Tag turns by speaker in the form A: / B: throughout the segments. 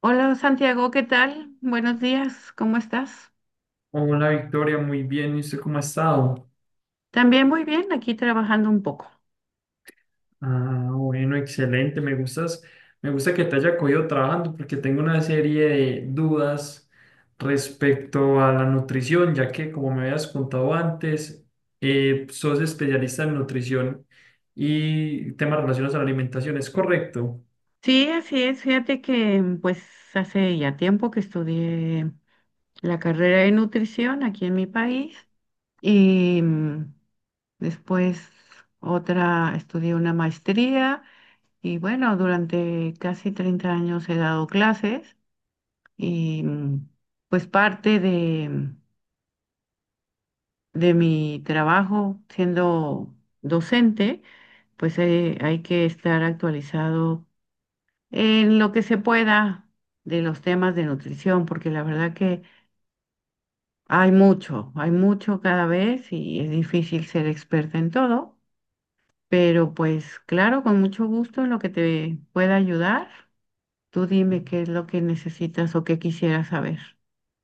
A: Hola Santiago, ¿qué tal? Buenos días, ¿cómo estás?
B: Hola Victoria, muy bien. ¿Y usted cómo ha estado?
A: También muy bien, aquí trabajando un poco.
B: Ah, bueno, excelente. Me gustas, me gusta que te haya cogido trabajando porque tengo una serie de dudas respecto a la nutrición, ya que como me habías contado antes, sos especialista en nutrición y temas relacionados a la alimentación, ¿es correcto?
A: Sí, así es, fíjate que pues hace ya tiempo que estudié la carrera de nutrición aquí en mi país y después estudié una maestría y bueno, durante casi 30 años he dado clases y pues parte de de mi trabajo siendo docente, pues hay que estar actualizado en lo que se pueda de los temas de nutrición, porque la verdad que hay mucho cada vez y es difícil ser experta en todo, pero pues claro, con mucho gusto en lo que te pueda ayudar. Tú dime qué es lo que necesitas o qué quisieras saber.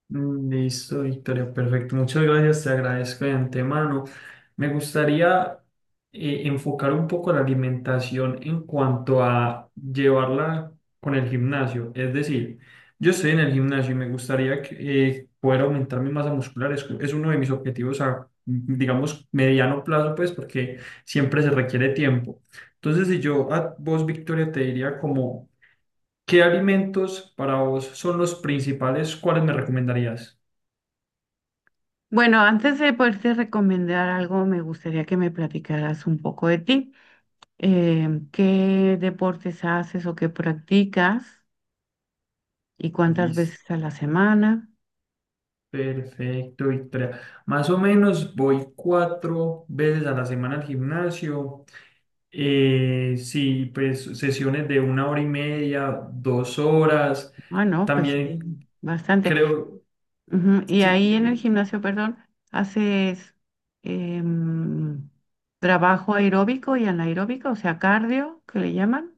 B: Mm, listo, Victoria, perfecto. Muchas gracias, te agradezco de antemano. Me gustaría enfocar un poco la alimentación en cuanto a llevarla con el gimnasio. Es decir, yo estoy en el gimnasio y me gustaría que, poder aumentar mi masa muscular. Es uno de mis objetivos a, digamos, mediano plazo, pues, porque siempre se requiere tiempo. Entonces, si yo a vos, Victoria, te diría como, ¿qué alimentos para vos son los principales? ¿Cuáles me recomendarías?
A: Bueno, antes de poderte recomendar algo, me gustaría que me platicaras un poco de ti. Qué deportes haces o qué practicas y cuántas
B: Listo,
A: veces a la semana.
B: perfecto, Victoria. Más o menos voy cuatro veces a la semana al gimnasio. Sí, pues sesiones de una hora y media, dos horas.
A: Ah, no, pues
B: También
A: sí, bastante.
B: creo,
A: Ujú. Y ahí en el
B: sí,
A: gimnasio, perdón, haces em, trabajo aeróbico y anaeróbico, o sea, cardio, que le llaman.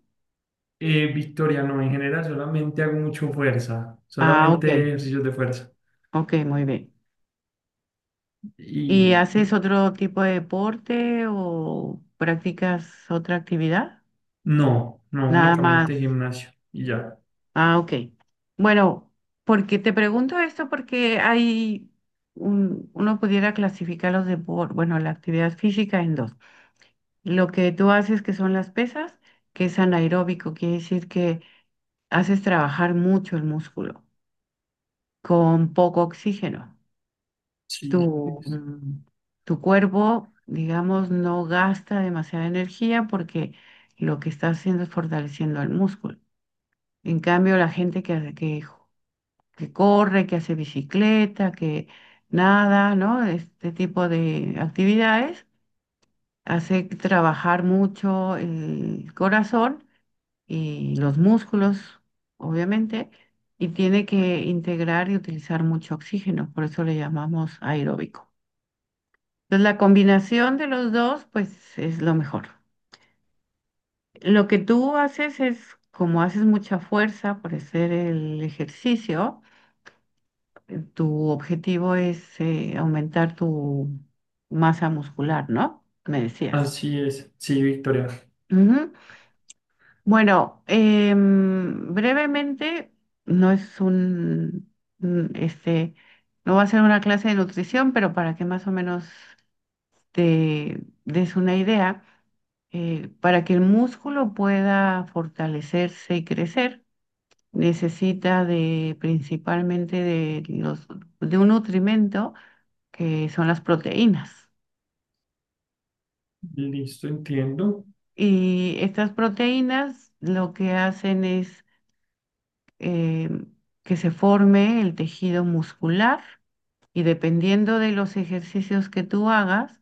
B: Victoria, no, en general solamente hago mucho fuerza,
A: Ah, ok,
B: solamente ejercicios de fuerza.
A: ok, muy bien.
B: Y
A: ¿Y haces otro tipo de deporte o practicas otra actividad?
B: no, no,
A: Nada más.
B: únicamente gimnasio y ya.
A: Ah, ok. Bueno, porque te pregunto esto porque hay uno pudiera clasificar los deportes, bueno, la actividad física en dos. Lo que tú haces que son las pesas, que es anaeróbico, quiere decir que haces trabajar mucho el músculo con poco oxígeno.
B: Sí,
A: Tu,
B: es-
A: mm, Tu cuerpo, digamos, no gasta demasiada energía porque lo que está haciendo es fortaleciendo el músculo. En cambio, la gente que, que corre, que hace bicicleta, que nada, ¿no? Este tipo de actividades hace trabajar mucho el corazón y los músculos, obviamente, y tiene que integrar y utilizar mucho oxígeno, por eso le llamamos aeróbico. Entonces, la combinación de los dos, pues, es lo mejor. Lo que tú haces es, como haces mucha fuerza por hacer el ejercicio, tu objetivo es aumentar tu masa muscular, ¿no? Me decías.
B: Así es. Sí, Victoria.
A: Ujú. Bueno, brevemente, no es un, este, no va a ser una clase de nutrición, pero para que más o menos te des una idea, para que el músculo pueda fortalecerse y crecer, necesita de principalmente de un nutrimento que son las proteínas.
B: Listo, entiendo.
A: Y estas proteínas lo que hacen es eh, que se forme el tejido muscular y dependiendo de los ejercicios que tú hagas,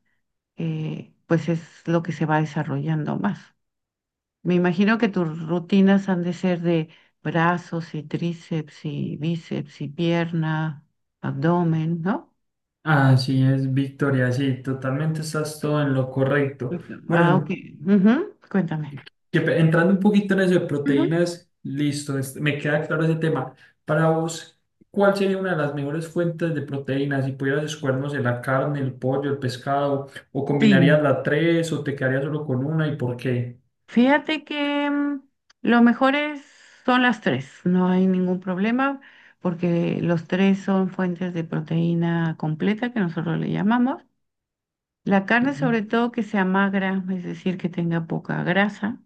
A: pues es lo que se va desarrollando más. Me imagino que tus rutinas han de ser de brazos y tríceps y bíceps y pierna, abdomen, ¿no?
B: Así es, Victoria, sí, totalmente estás todo en lo correcto. Bueno,
A: Ah, ok.
B: en-
A: Ujú, cuéntame.
B: entrando un poquito en eso de
A: Ujú.
B: proteínas, listo, me queda claro ese tema. Para vos, ¿cuál sería una de las mejores fuentes de proteínas? Si pudieras escogernos en la carne, el pollo, el pescado, o
A: Sí.
B: combinarías las tres, o te quedarías solo con una y ¿por qué?
A: Fíjate que lo mejor son las tres, no hay ningún problema porque los tres son fuentes de proteína completa que nosotros le llamamos. La carne
B: Ujú.
A: sobre todo que sea magra, es decir, que tenga poca grasa,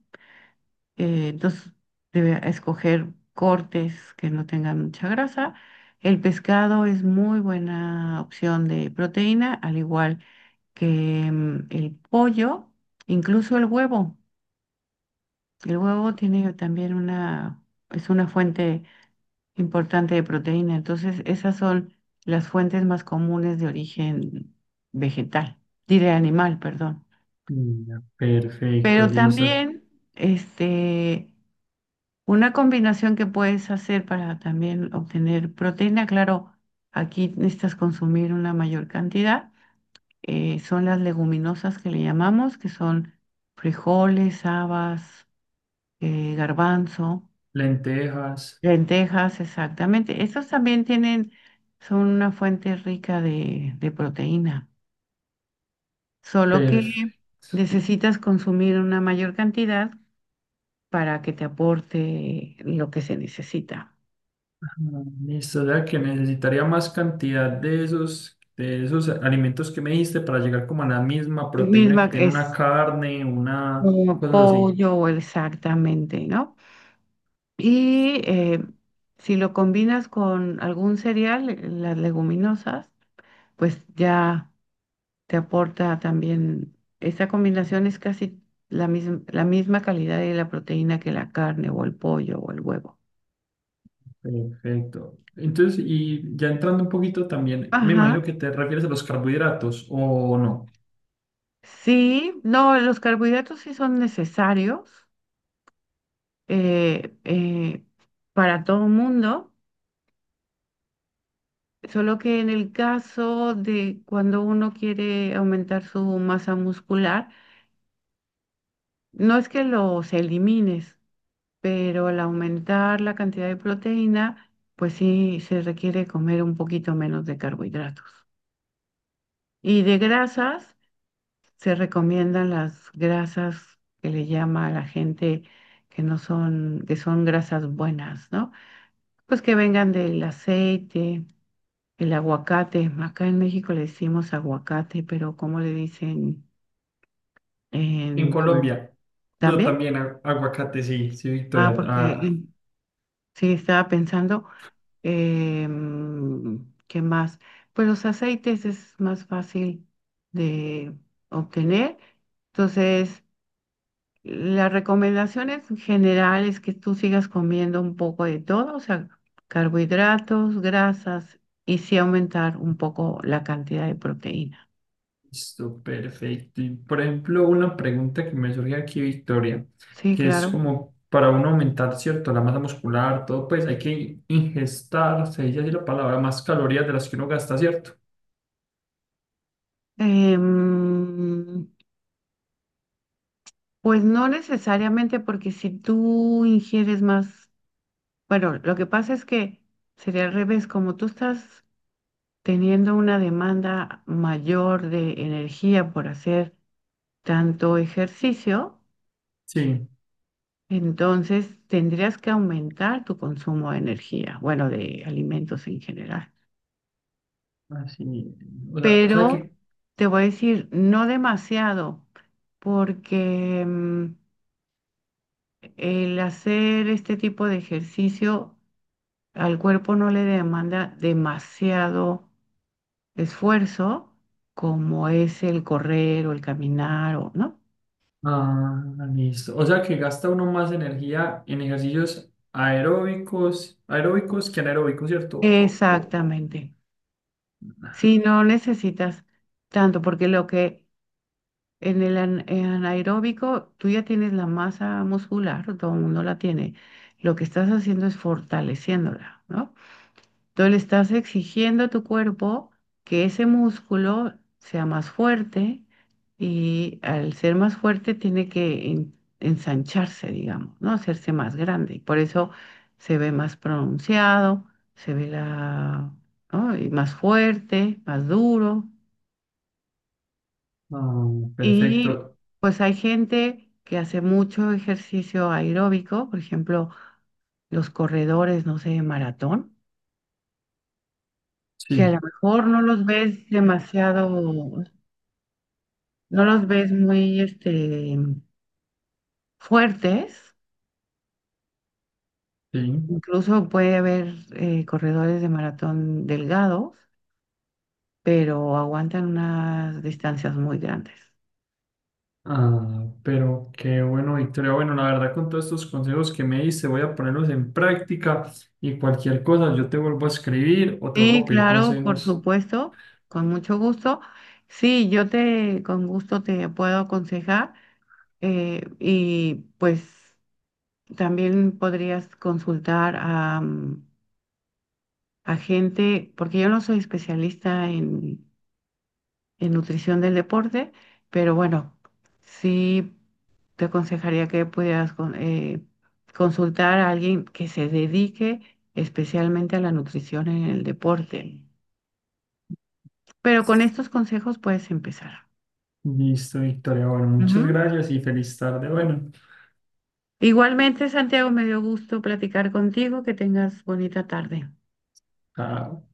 A: entonces debe escoger cortes que no tengan mucha grasa. El pescado es muy buena opción de proteína, al igual que el pollo, incluso el huevo. El huevo tiene también es una fuente importante de proteína, entonces esas son las fuentes más comunes de origen vegetal, diré animal, perdón.
B: Ya, perfecto,
A: Pero
B: Lisa.
A: también, este, una combinación que puedes hacer para también obtener proteína, claro, aquí necesitas consumir una mayor cantidad, son las leguminosas que le llamamos, que son frijoles, habas, garbanzo.
B: Lentejas,
A: Lentejas, exactamente. Estos también tienen, son una fuente rica de proteína, solo que
B: perfecto.
A: necesitas consumir una mayor cantidad para que te aporte lo que se necesita.
B: Ah, listo, o sea que necesitaría más cantidad de esos alimentos que me dijiste para llegar como a la misma proteína
A: Misma
B: que tiene una
A: es
B: carne, una
A: como
B: cosa así.
A: pollo o exactamente, ¿no? Y si lo combinas con algún cereal, las leguminosas, pues ya te aporta también, esta combinación es casi la misma calidad de la proteína que la carne o el pollo o el huevo.
B: Perfecto. Entonces, y ya entrando un poquito también, me
A: Ajá,
B: imagino que te refieres a los carbohidratos o no.
A: sí, no, los carbohidratos sí son necesarios eh, eh, para todo el mundo, solo que en el caso de cuando uno quiere aumentar su masa muscular, no es que los elimines, pero al aumentar la cantidad de proteína, pues sí se requiere comer un poquito menos de carbohidratos. Y de grasas, se recomiendan las grasas que le llama a la gente que son grasas buenas, ¿no? Pues que vengan del aceite, el aguacate. Acá en México le decimos aguacate, pero ¿cómo le dicen
B: En
A: en
B: Colombia, no,
A: también?
B: también aguacate, sí, sí,
A: Ah,
B: Victoria.
A: porque
B: Ah,
A: sí, estaba pensando. ¿Qué más? Pues los aceites es más fácil de obtener. Entonces, la recomendación en general es que tú sigas comiendo un poco de todo, o sea, carbohidratos, grasas y sí aumentar un poco la cantidad de proteína.
B: listo, perfecto. Y por ejemplo, una pregunta que me surge aquí, Victoria,
A: Sí,
B: que es
A: claro.
B: como para uno aumentar, ¿cierto? La masa muscular, todo, pues hay que ingestar, se dice así la palabra, más calorías de las que uno gasta, ¿cierto?
A: Em, pues no necesariamente porque si tú ingieres más, bueno, lo que pasa es que sería al revés, como tú estás teniendo una demanda mayor de energía por hacer tanto ejercicio,
B: Sí,
A: entonces tendrías que aumentar tu consumo de energía, bueno, de alimentos en general.
B: así. O sea
A: Pero
B: que,
A: te voy a decir, no demasiado, porque el hacer este tipo de ejercicio al cuerpo no le demanda demasiado esfuerzo, como es el correr o el caminar, o, ¿no?
B: ah, listo. O sea que gasta uno más energía en ejercicios aeróbicos, aeróbicos que anaeróbicos, ¿cierto? O
A: Exactamente. Si no necesitas tanto, porque lo que en el en anaeróbico tú ya tienes la masa muscular, todo el mundo la tiene. Lo que estás haciendo es fortaleciéndola, ¿no? Tú le estás exigiendo a tu cuerpo que ese músculo sea más fuerte y al ser más fuerte tiene que ensancharse, digamos, ¿no? Hacerse más grande. Y por eso se ve más pronunciado, se ve la, ¿no? Y más fuerte, más duro.
B: ah,
A: Y
B: perfecto.
A: pues hay gente que hace mucho ejercicio aeróbico, por ejemplo, los corredores, no sé, de maratón que a lo
B: Sí,
A: mejor no los ves demasiado, no los ves muy este, fuertes,
B: sí.
A: incluso puede haber corredores de maratón delgados, pero aguantan unas distancias muy grandes.
B: Ah, pero qué bueno, Victoria. Bueno, la verdad, con todos estos consejos que me diste, voy a ponerlos en práctica y cualquier cosa, yo te vuelvo a escribir o te vuelvo
A: Sí,
B: a pedir
A: claro, por
B: consejos.
A: supuesto, con mucho gusto. Sí, yo te, con gusto te puedo aconsejar y pues también podrías consultar a, a gente, porque yo no soy especialista en nutrición del deporte, pero bueno, sí te aconsejaría que pudieras consultar a alguien que se dedique especialmente a la nutrición en el deporte. Pero con estos consejos puedes empezar.
B: Listo, Victoria. Bueno, muchas
A: Ujú.
B: gracias y feliz tarde. Bueno,
A: Igualmente, Santiago, me dio gusto platicar contigo. Que tengas bonita tarde.
B: chao.